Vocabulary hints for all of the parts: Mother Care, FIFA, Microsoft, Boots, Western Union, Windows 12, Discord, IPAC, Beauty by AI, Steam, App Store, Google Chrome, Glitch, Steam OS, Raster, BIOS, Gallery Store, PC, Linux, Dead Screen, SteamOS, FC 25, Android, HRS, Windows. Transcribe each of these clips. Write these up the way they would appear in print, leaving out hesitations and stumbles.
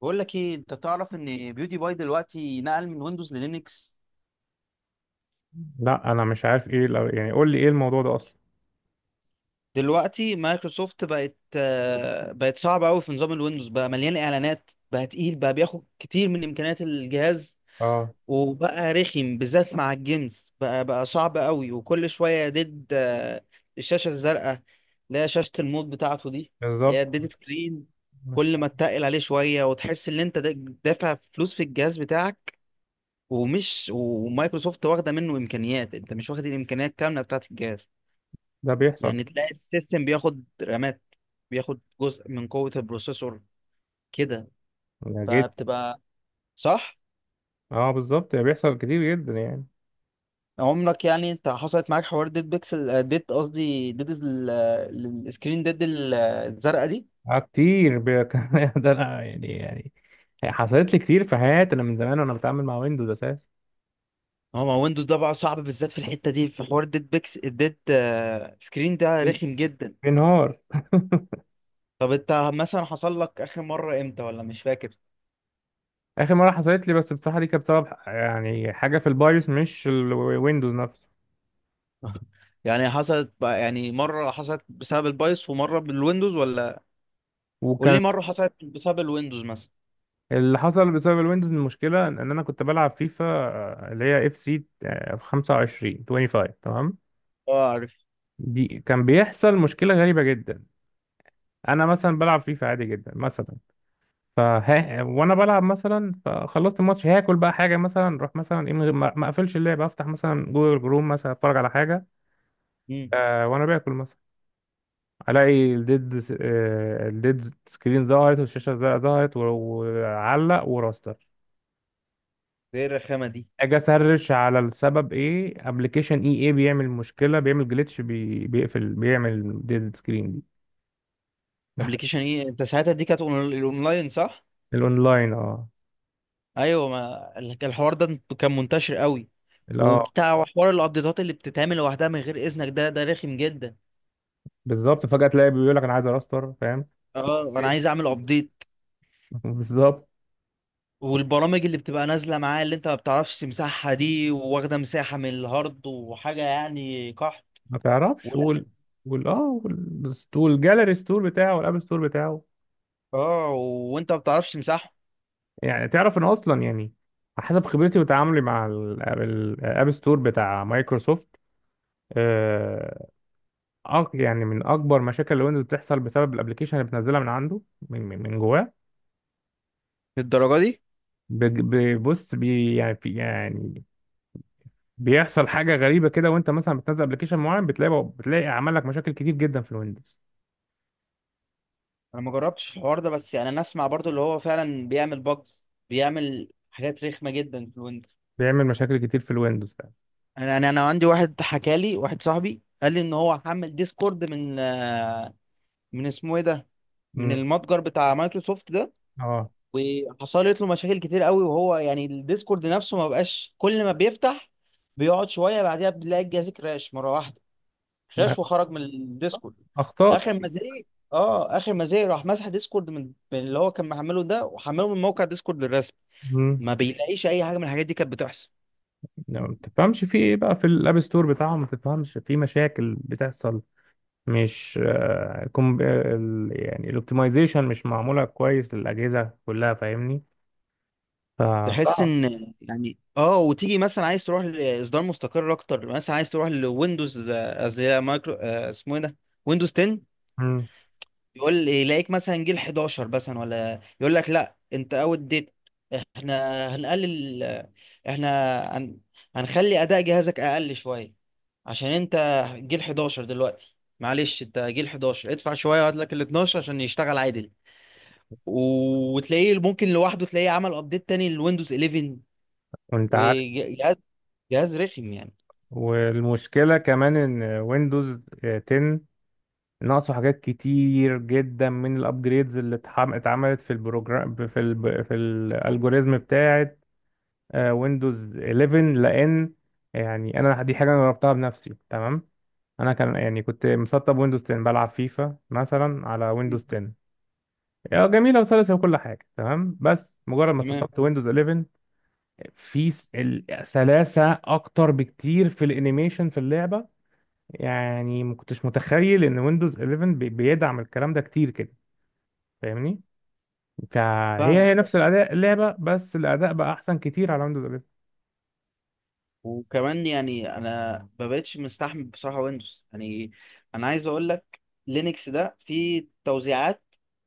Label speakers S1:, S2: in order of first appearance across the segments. S1: بقول لك ايه، انت تعرف ان بيوتي باي دلوقتي نقل من ويندوز للينكس.
S2: لا، انا مش عارف ايه. لو يعني قول لي ايه الموضوع ده اصلا.
S1: دلوقتي مايكروسوفت بقت صعبة قوي في نظام الويندوز. بقى مليان اعلانات، بقى تقيل، بقى بياخد كتير من امكانيات الجهاز.
S2: اه،
S1: وبقى رخم بالذات مع الجيمز، بقى صعب قوي. وكل شوية ديد آه، الشاشة الزرقاء اللي هي شاشة الموت بتاعته دي، اللي هي
S2: بالظبط.
S1: الديد سكرين.
S2: مش.
S1: كل ما تتقل عليه شوية وتحس ان انت دافع فلوس في الجهاز بتاعك. ومايكروسوفت واخده منه امكانيات، انت مش واخد الامكانيات كامله بتاعه الجهاز.
S2: ده بيحصل.
S1: يعني تلاقي السيستم بياخد رامات، بياخد جزء من قوه البروسيسور كده.
S2: ده جد؟
S1: فبتبقى صح.
S2: اه بالظبط، ده بيحصل كتير جدا يعني.
S1: عمرك يعني انت حصلت معاك حوار ديد بيكسل آه، ديد قصدي ديد ال- السكرين ديد الزرقاء دي؟
S2: كمان ده انا يعني حصلت لي كتير في حياتي. انا من زمان وانا بتعامل مع ويندوز اساسا.
S1: هو ما ويندوز ده بقى صعب بالذات في الحته دي، في حوار ديد بيكس الديد آه، سكرين ده
S2: بين-
S1: رخم جدا.
S2: بينهار.
S1: طب انت مثلا حصل لك اخر مره امتى ولا مش فاكر؟
S2: اخر مره حصلت لي، بس بصراحه دي كانت بسبب يعني حاجه في البايوس مش الويندوز نفسه.
S1: يعني حصلت بقى، يعني مرة حصلت بسبب البايس ومرة بالويندوز ولا؟ قول
S2: وكان
S1: لي مرة حصلت بسبب الويندوز مثلا.
S2: اللي حصل بسبب الويندوز، المشكله ان انا كنت بلعب فيفا، اللي هي اف سي 25 تمام.
S1: اه، عارف.
S2: دي كان بيحصل مشكلة غريبة جدا. أنا مثلا بلعب فيفا عادي جدا مثلا. فها وأنا بلعب مثلا، فخلصت الماتش، هاكل بقى حاجة مثلا، أروح مثلا إيه من غير ما أقفلش اللعبة، أفتح مثلا جوجل جروم مثلا أتفرج على حاجة.
S1: امم.
S2: وأنا باكل مثلا، ألاقي الديد س- آه الديد سكرين ظهرت، والشاشة ظهرت وعلق وراستر.
S1: ايه الرخامة دي؟
S2: أجي أسرش على السبب، إيه أبلكيشن إيه بيعمل مشكلة، بيعمل جليتش، بيقفل، بيعمل ديد سكرين دي.
S1: ابلكيشن ايه؟ انت ساعتها دي كانت الاونلاين، صح؟
S2: الأونلاين، أه.
S1: ايوه، ما الحوار ده كان منتشر قوي. وبتاع حوار الابديتات اللي بتتعمل لوحدها من غير اذنك ده رخم جدا.
S2: بالظبط، فجأة تلاقي بيقول لك انا عايز راستر فاهم.
S1: اه، انا عايز
S2: إيه؟
S1: اعمل ابديت.
S2: بالظبط.
S1: والبرامج اللي بتبقى نازله معاه اللي انت ما بتعرفش تمسحها دي واخده مساحه من الهارد وحاجه يعني قحط.
S2: ما تعرفش. والستور الجاليري ستور بتاعه والاب ستور بتاعه.
S1: اه وانت ما بتعرفش تمسحه.
S2: يعني تعرف ان اصلا يعني حسب خبرتي وتعاملي مع الاب ستور بتاع مايكروسوفت. آه يعني من اكبر مشاكل الويندوز بتحصل بسبب الابلكيشن اللي بتنزلها من عنده. من جواه.
S1: للدرجه دي؟
S2: بص. يعني في يعني بيحصل حاجه غريبه كده، وانت مثلا بتنزل ابلكيشن معين، بتلاقي عمل لك مشاكل كتير جدا في الويندوز.
S1: انا ما جربتش الحوار ده، بس يعني انا اسمع برضو اللي هو فعلا بيعمل بجز، بيعمل حاجات رخمه جدا في الويندوز.
S2: بيعمل مشاكل كتير في الويندوز فعلا.
S1: انا يعني انا عندي واحد حكى لي، واحد صاحبي قال لي ان هو حمل ديسكورد من اسمه ايه ده، من
S2: امم.
S1: المتجر بتاع مايكروسوفت ده،
S2: اه،
S1: وحصلت له مشاكل كتير قوي. وهو يعني الديسكورد نفسه ما بقاش، كل ما بيفتح بيقعد شويه بعديها بتلاقي الجهاز كراش مره واحده،
S2: ما-
S1: خش وخرج من الديسكورد.
S2: اخطاء
S1: اخر ما
S2: كتير.
S1: زهق. اه، اخر ما زهق راح مسح ديسكورد من اللي هو كان محمله ده، وحمله من موقع ديسكورد الرسمي،
S2: امم.
S1: ما بيلاقيش اي حاجه من الحاجات دي كانت بتحصل.
S2: يعني ما تفهمش في ايه بقى، في الاب ستور بتاعهم ما تفهمش في مشاكل بتحصل. مش يعني الاوبتمايزيشن مش معموله كويس للاجهزه كلها فاهمني.
S1: تحس
S2: فصعب.
S1: ان يعني، اه. وتيجي مثلا عايز تروح لاصدار مستقر اكتر، مثلا عايز تروح لويندوز آه، قصدي لا، مايكرو آه، اسمه ايه ده، ويندوز 10.
S2: امم.
S1: يقول يلاقيك مثلا جيل 11 مثلا، ولا يقول لك لا انت اوت ديت. احنا هنقلل احنا هن... هنخلي اداء جهازك اقل شويه عشان انت جيل 11 دلوقتي. معلش انت جيل 11، ادفع شويه وهات لك ال 12 عشان يشتغل عادل. وتلاقيه ممكن لوحده تلاقيه عمل ابديت تاني للويندوز 11.
S2: وانت عارف،
S1: وجهاز جهاز رخم يعني.
S2: والمشكله كمان ان ويندوز 10 ناقصه حاجات كتير جدا من الابجريدز اللي اتعملت في البروجرام في ال في الالجوريزم بتاعه ويندوز 11 لان. يعني انا دي حاجه انا جربتها بنفسي تمام. انا كان يعني كنت مسطب ويندوز 10 بلعب فيفا مثلا على
S1: مم.
S2: ويندوز 10. اه، جميله وسلسه وكل حاجه تمام. بس مجرد ما
S1: تمام.
S2: سطبت ويندوز 11، في سلاسه اكتر بكتير في الانيميشن في اللعبه. يعني ما كنتش متخيل ان ويندوز 11 بيدعم الكلام ده كتير كده فاهمني. فهي
S1: فاهم.
S2: هي نفس الاداء اللعبه، بس الاداء بقى احسن كتير على ويندوز 11.
S1: وكمان يعني انا ما بقتش مستحمل بصراحه ويندوز يعني. انا عايز اقول لك، لينكس ده فيه توزيعات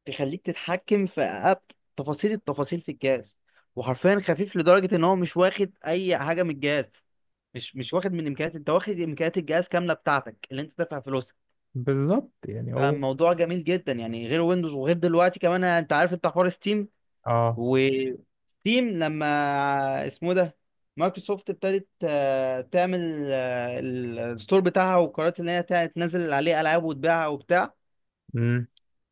S1: تخليك تتحكم في أب تفاصيل التفاصيل في الجهاز، وحرفيا خفيف لدرجه ان هو مش واخد اي حاجه من الجهاز. مش واخد من امكانيات، انت واخد امكانيات الجهاز كامله بتاعتك اللي انت دافع فلوسها.
S2: بالظبط يعني هو.
S1: فالموضوع جميل جدا يعني، غير ويندوز. وغير دلوقتي كمان انت عارف انت حوار ستيم،
S2: اه،
S1: وستيم لما اسمه ده، مايكروسوفت ابتدت آه، تعمل الستور بتاعها وقررت ان هي تنزل عليه العاب وتبيعها وبتاع.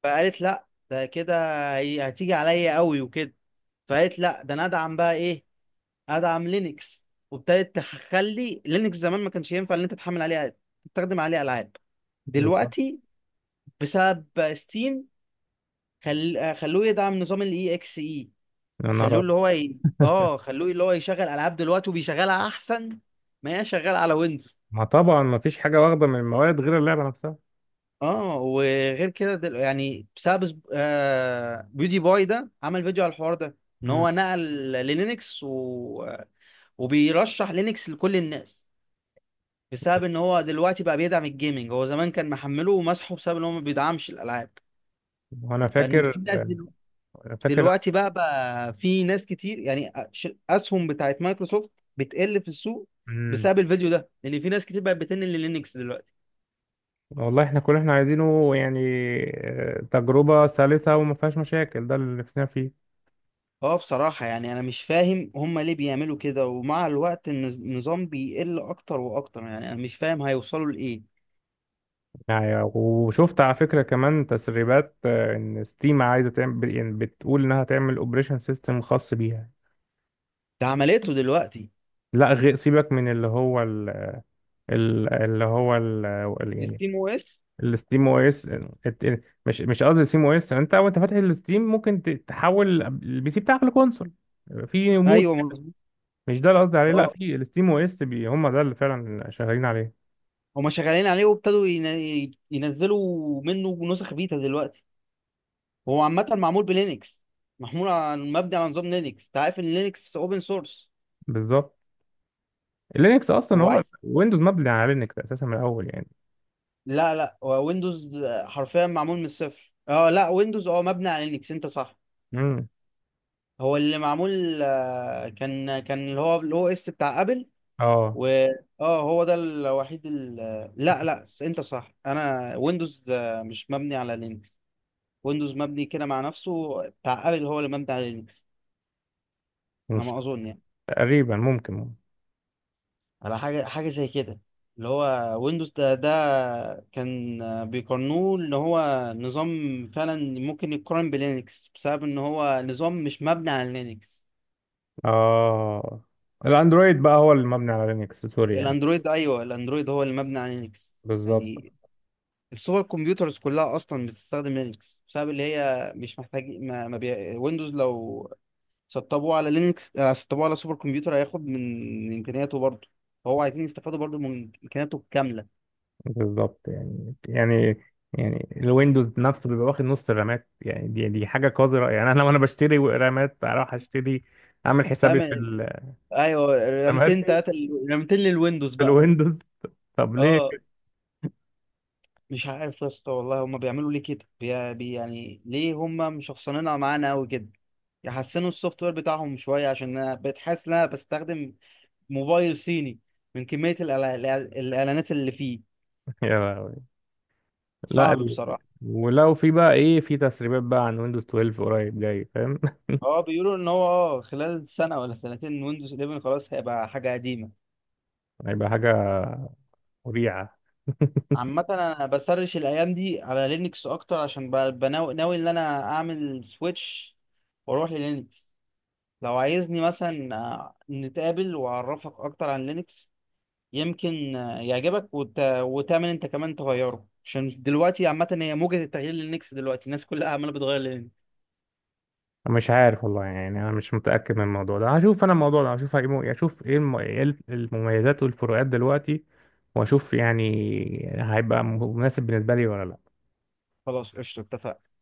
S1: فقالت لا ده كده هتيجي عليا قوي وكده. فقالت لا، ده انا ادعم بقى ايه؟ ادعم لينكس. وابتدت تخلي لينكس، زمان ما كانش ينفع ان انت تحمل عليه، تستخدم عليه العاب،
S2: بالظبط.
S1: دلوقتي بسبب ستيم. خل... آه، خلوه يدعم نظام الاي اكس اي.
S2: يا نهار أبيض.
S1: خلوه اللي هو يشغل العاب دلوقتي وبيشغلها احسن ما هي شغاله على ويندوز.
S2: ما طبعا ما فيش حاجه واخده من المواد غير اللعبه نفسها.
S1: اه وغير كده دل... يعني بسبب سب- آه... بيودي باي ده عمل فيديو على الحوار ده ان
S2: مم.
S1: هو نقل للينكس وبيرشح لينكس لكل الناس بسبب ان هو دلوقتي بقى بيدعم الجيمنج. هو زمان كان محمله ومسحه بسبب ان هو ما بيدعمش الالعاب.
S2: وانا
S1: ففي
S2: فاكر.
S1: ناس
S2: أنا فاكر.
S1: دلوقتي بقى بقى في ناس كتير يعني، اسهم بتاعت مايكروسوفت بتقل في السوق
S2: مم.
S1: بسبب الفيديو ده، لان في ناس كتير بقت بتنقل للينكس دلوقتي.
S2: والله احنا كل اللي احنا عايزينه يعني تجربه سلسه وما فيهاش مشاكل، ده اللي نفسنا فيه.
S1: اه بصراحة يعني انا مش فاهم هما ليه بيعملوا كده، ومع الوقت النظام بيقل اكتر واكتر. يعني انا مش فاهم هيوصلوا لايه.
S2: يعني وشفت على فكره كمان تسريبات، ان ستيم عايزه تعمل يعني بتقول انها تعمل اوبريشن سيستم خاص بيها.
S1: ده عملته دلوقتي؟
S2: لا، غير سيبك من اللي هو ال... ال- اللي هو ال... يعني
S1: الستيم او اس.
S2: الستيم او اس. مش قصدي ستيم او اس. انت وانت فاتح الستيم ممكن تحول البي سي بتاعك لكونسول في مود.
S1: ايوه مظبوط.
S2: مش ده اللي قصدي عليه. لا،
S1: اه،
S2: في الستيم او اس هم ده اللي فعلا شغالين عليه.
S1: هما شغالين عليه وابتدوا ينزلوا منه نسخ بيتا دلوقتي. هو عامة معمول بلينكس، محمول على مبني على نظام لينكس. انت عارف ان لينكس اوبن سورس.
S2: بالظبط. لينكس اصلا
S1: هو
S2: هو
S1: عايز،
S2: ويندوز مبني على لينكس اساسا من الاول يعني.
S1: لا لا هو ويندوز حرفيا معمول من الصفر. اه لا، ويندوز اه مبني على لينكس، انت صح.
S2: امم.
S1: هو اللي معمول آه، كان كان اللي هو الاو اس بتاع ابل.
S2: اه
S1: و اه هو ده الوحيد ال... لا لا انت صح، انا ويندوز آه، مش مبني على لينكس. ويندوز مبني كده مع نفسه، بتاع ابل هو اللي مبني على لينكس. انا
S2: مش،
S1: ما اظن يعني،
S2: تقريبا ممكن.
S1: على حاجة زي كده، اللي هو ويندوز ده كان بيقارنوه ان هو نظام فعلا ممكن يتقارن بلينكس بسبب ان هو نظام مش مبني على لينكس.
S2: اه، الاندرويد بقى هو اللي مبني على لينكس، سوري يعني.
S1: الاندرويد، ايوه، الاندرويد هو اللي مبني على لينكس
S2: بالظبط.
S1: يعني. السوبر كمبيوترز كلها اصلا بتستخدم لينكس بسبب اللي هي مش محتاج ما, ما بي... ويندوز لو سطبوه على لينكس آه، سطبوه على سوبر كمبيوتر هياخد من امكانياته برضه. فهو عايزين يستفادوا برضه من امكانياته الكاملة.
S2: بالظبط يعني يعني الويندوز نفسه بيبقى واخد نص الرامات يعني، دي حاجه قذره يعني، انا لو انا بشتري رامات اروح اشتري اعمل
S1: ده
S2: حسابي في
S1: ايوه،
S2: الرامات
S1: رامتين تلاتة رامتين للويندوز
S2: في
S1: بقى.
S2: الويندوز. طب ليه؟
S1: اه مش عارف يا اسطى والله، هما بيعملوا ليه كده؟ بي... بي يعني ليه هما مشخصنينها معانا قوي كده؟ يحسنوا السوفت وير بتاعهم شويه، عشان انا بقيت حاسس ان انا بستخدم موبايل صيني من كميه الاعلانات اللي فيه.
S2: يا لهوي. لا
S1: صعب
S2: ال...
S1: بصراحه.
S2: ولو في بقى ايه، في تسريبات بقى عن ويندوز 12 قريب جاي فاهم.
S1: اه بيقولوا ان هو اه خلال سنه ولا سنتين ويندوز 11 خلاص هيبقى حاجه قديمه.
S2: هيبقى حاجه مريعه.
S1: عامة انا بسرش الايام دي على لينكس اكتر، عشان ب- بناوي ناوي ان انا اعمل سويتش واروح للينكس. لو عايزني مثلا نتقابل واعرفك اكتر عن لينكس، يمكن يعجبك وتعمل انت كمان تغيره. عشان دلوقتي عامة هي موجة التغيير للينكس دلوقتي، الناس كلها عمالة بتغير للينكس.
S2: مش عارف والله يعني، انا مش متاكد من الموضوع ده. هشوف انا الموضوع ده، هشوف اشوف ايه المميزات والفروقات دلوقتي، واشوف يعني هيبقى مناسب بالنسبه لي ولا لا.
S1: خلاص قشطة، اتفقنا.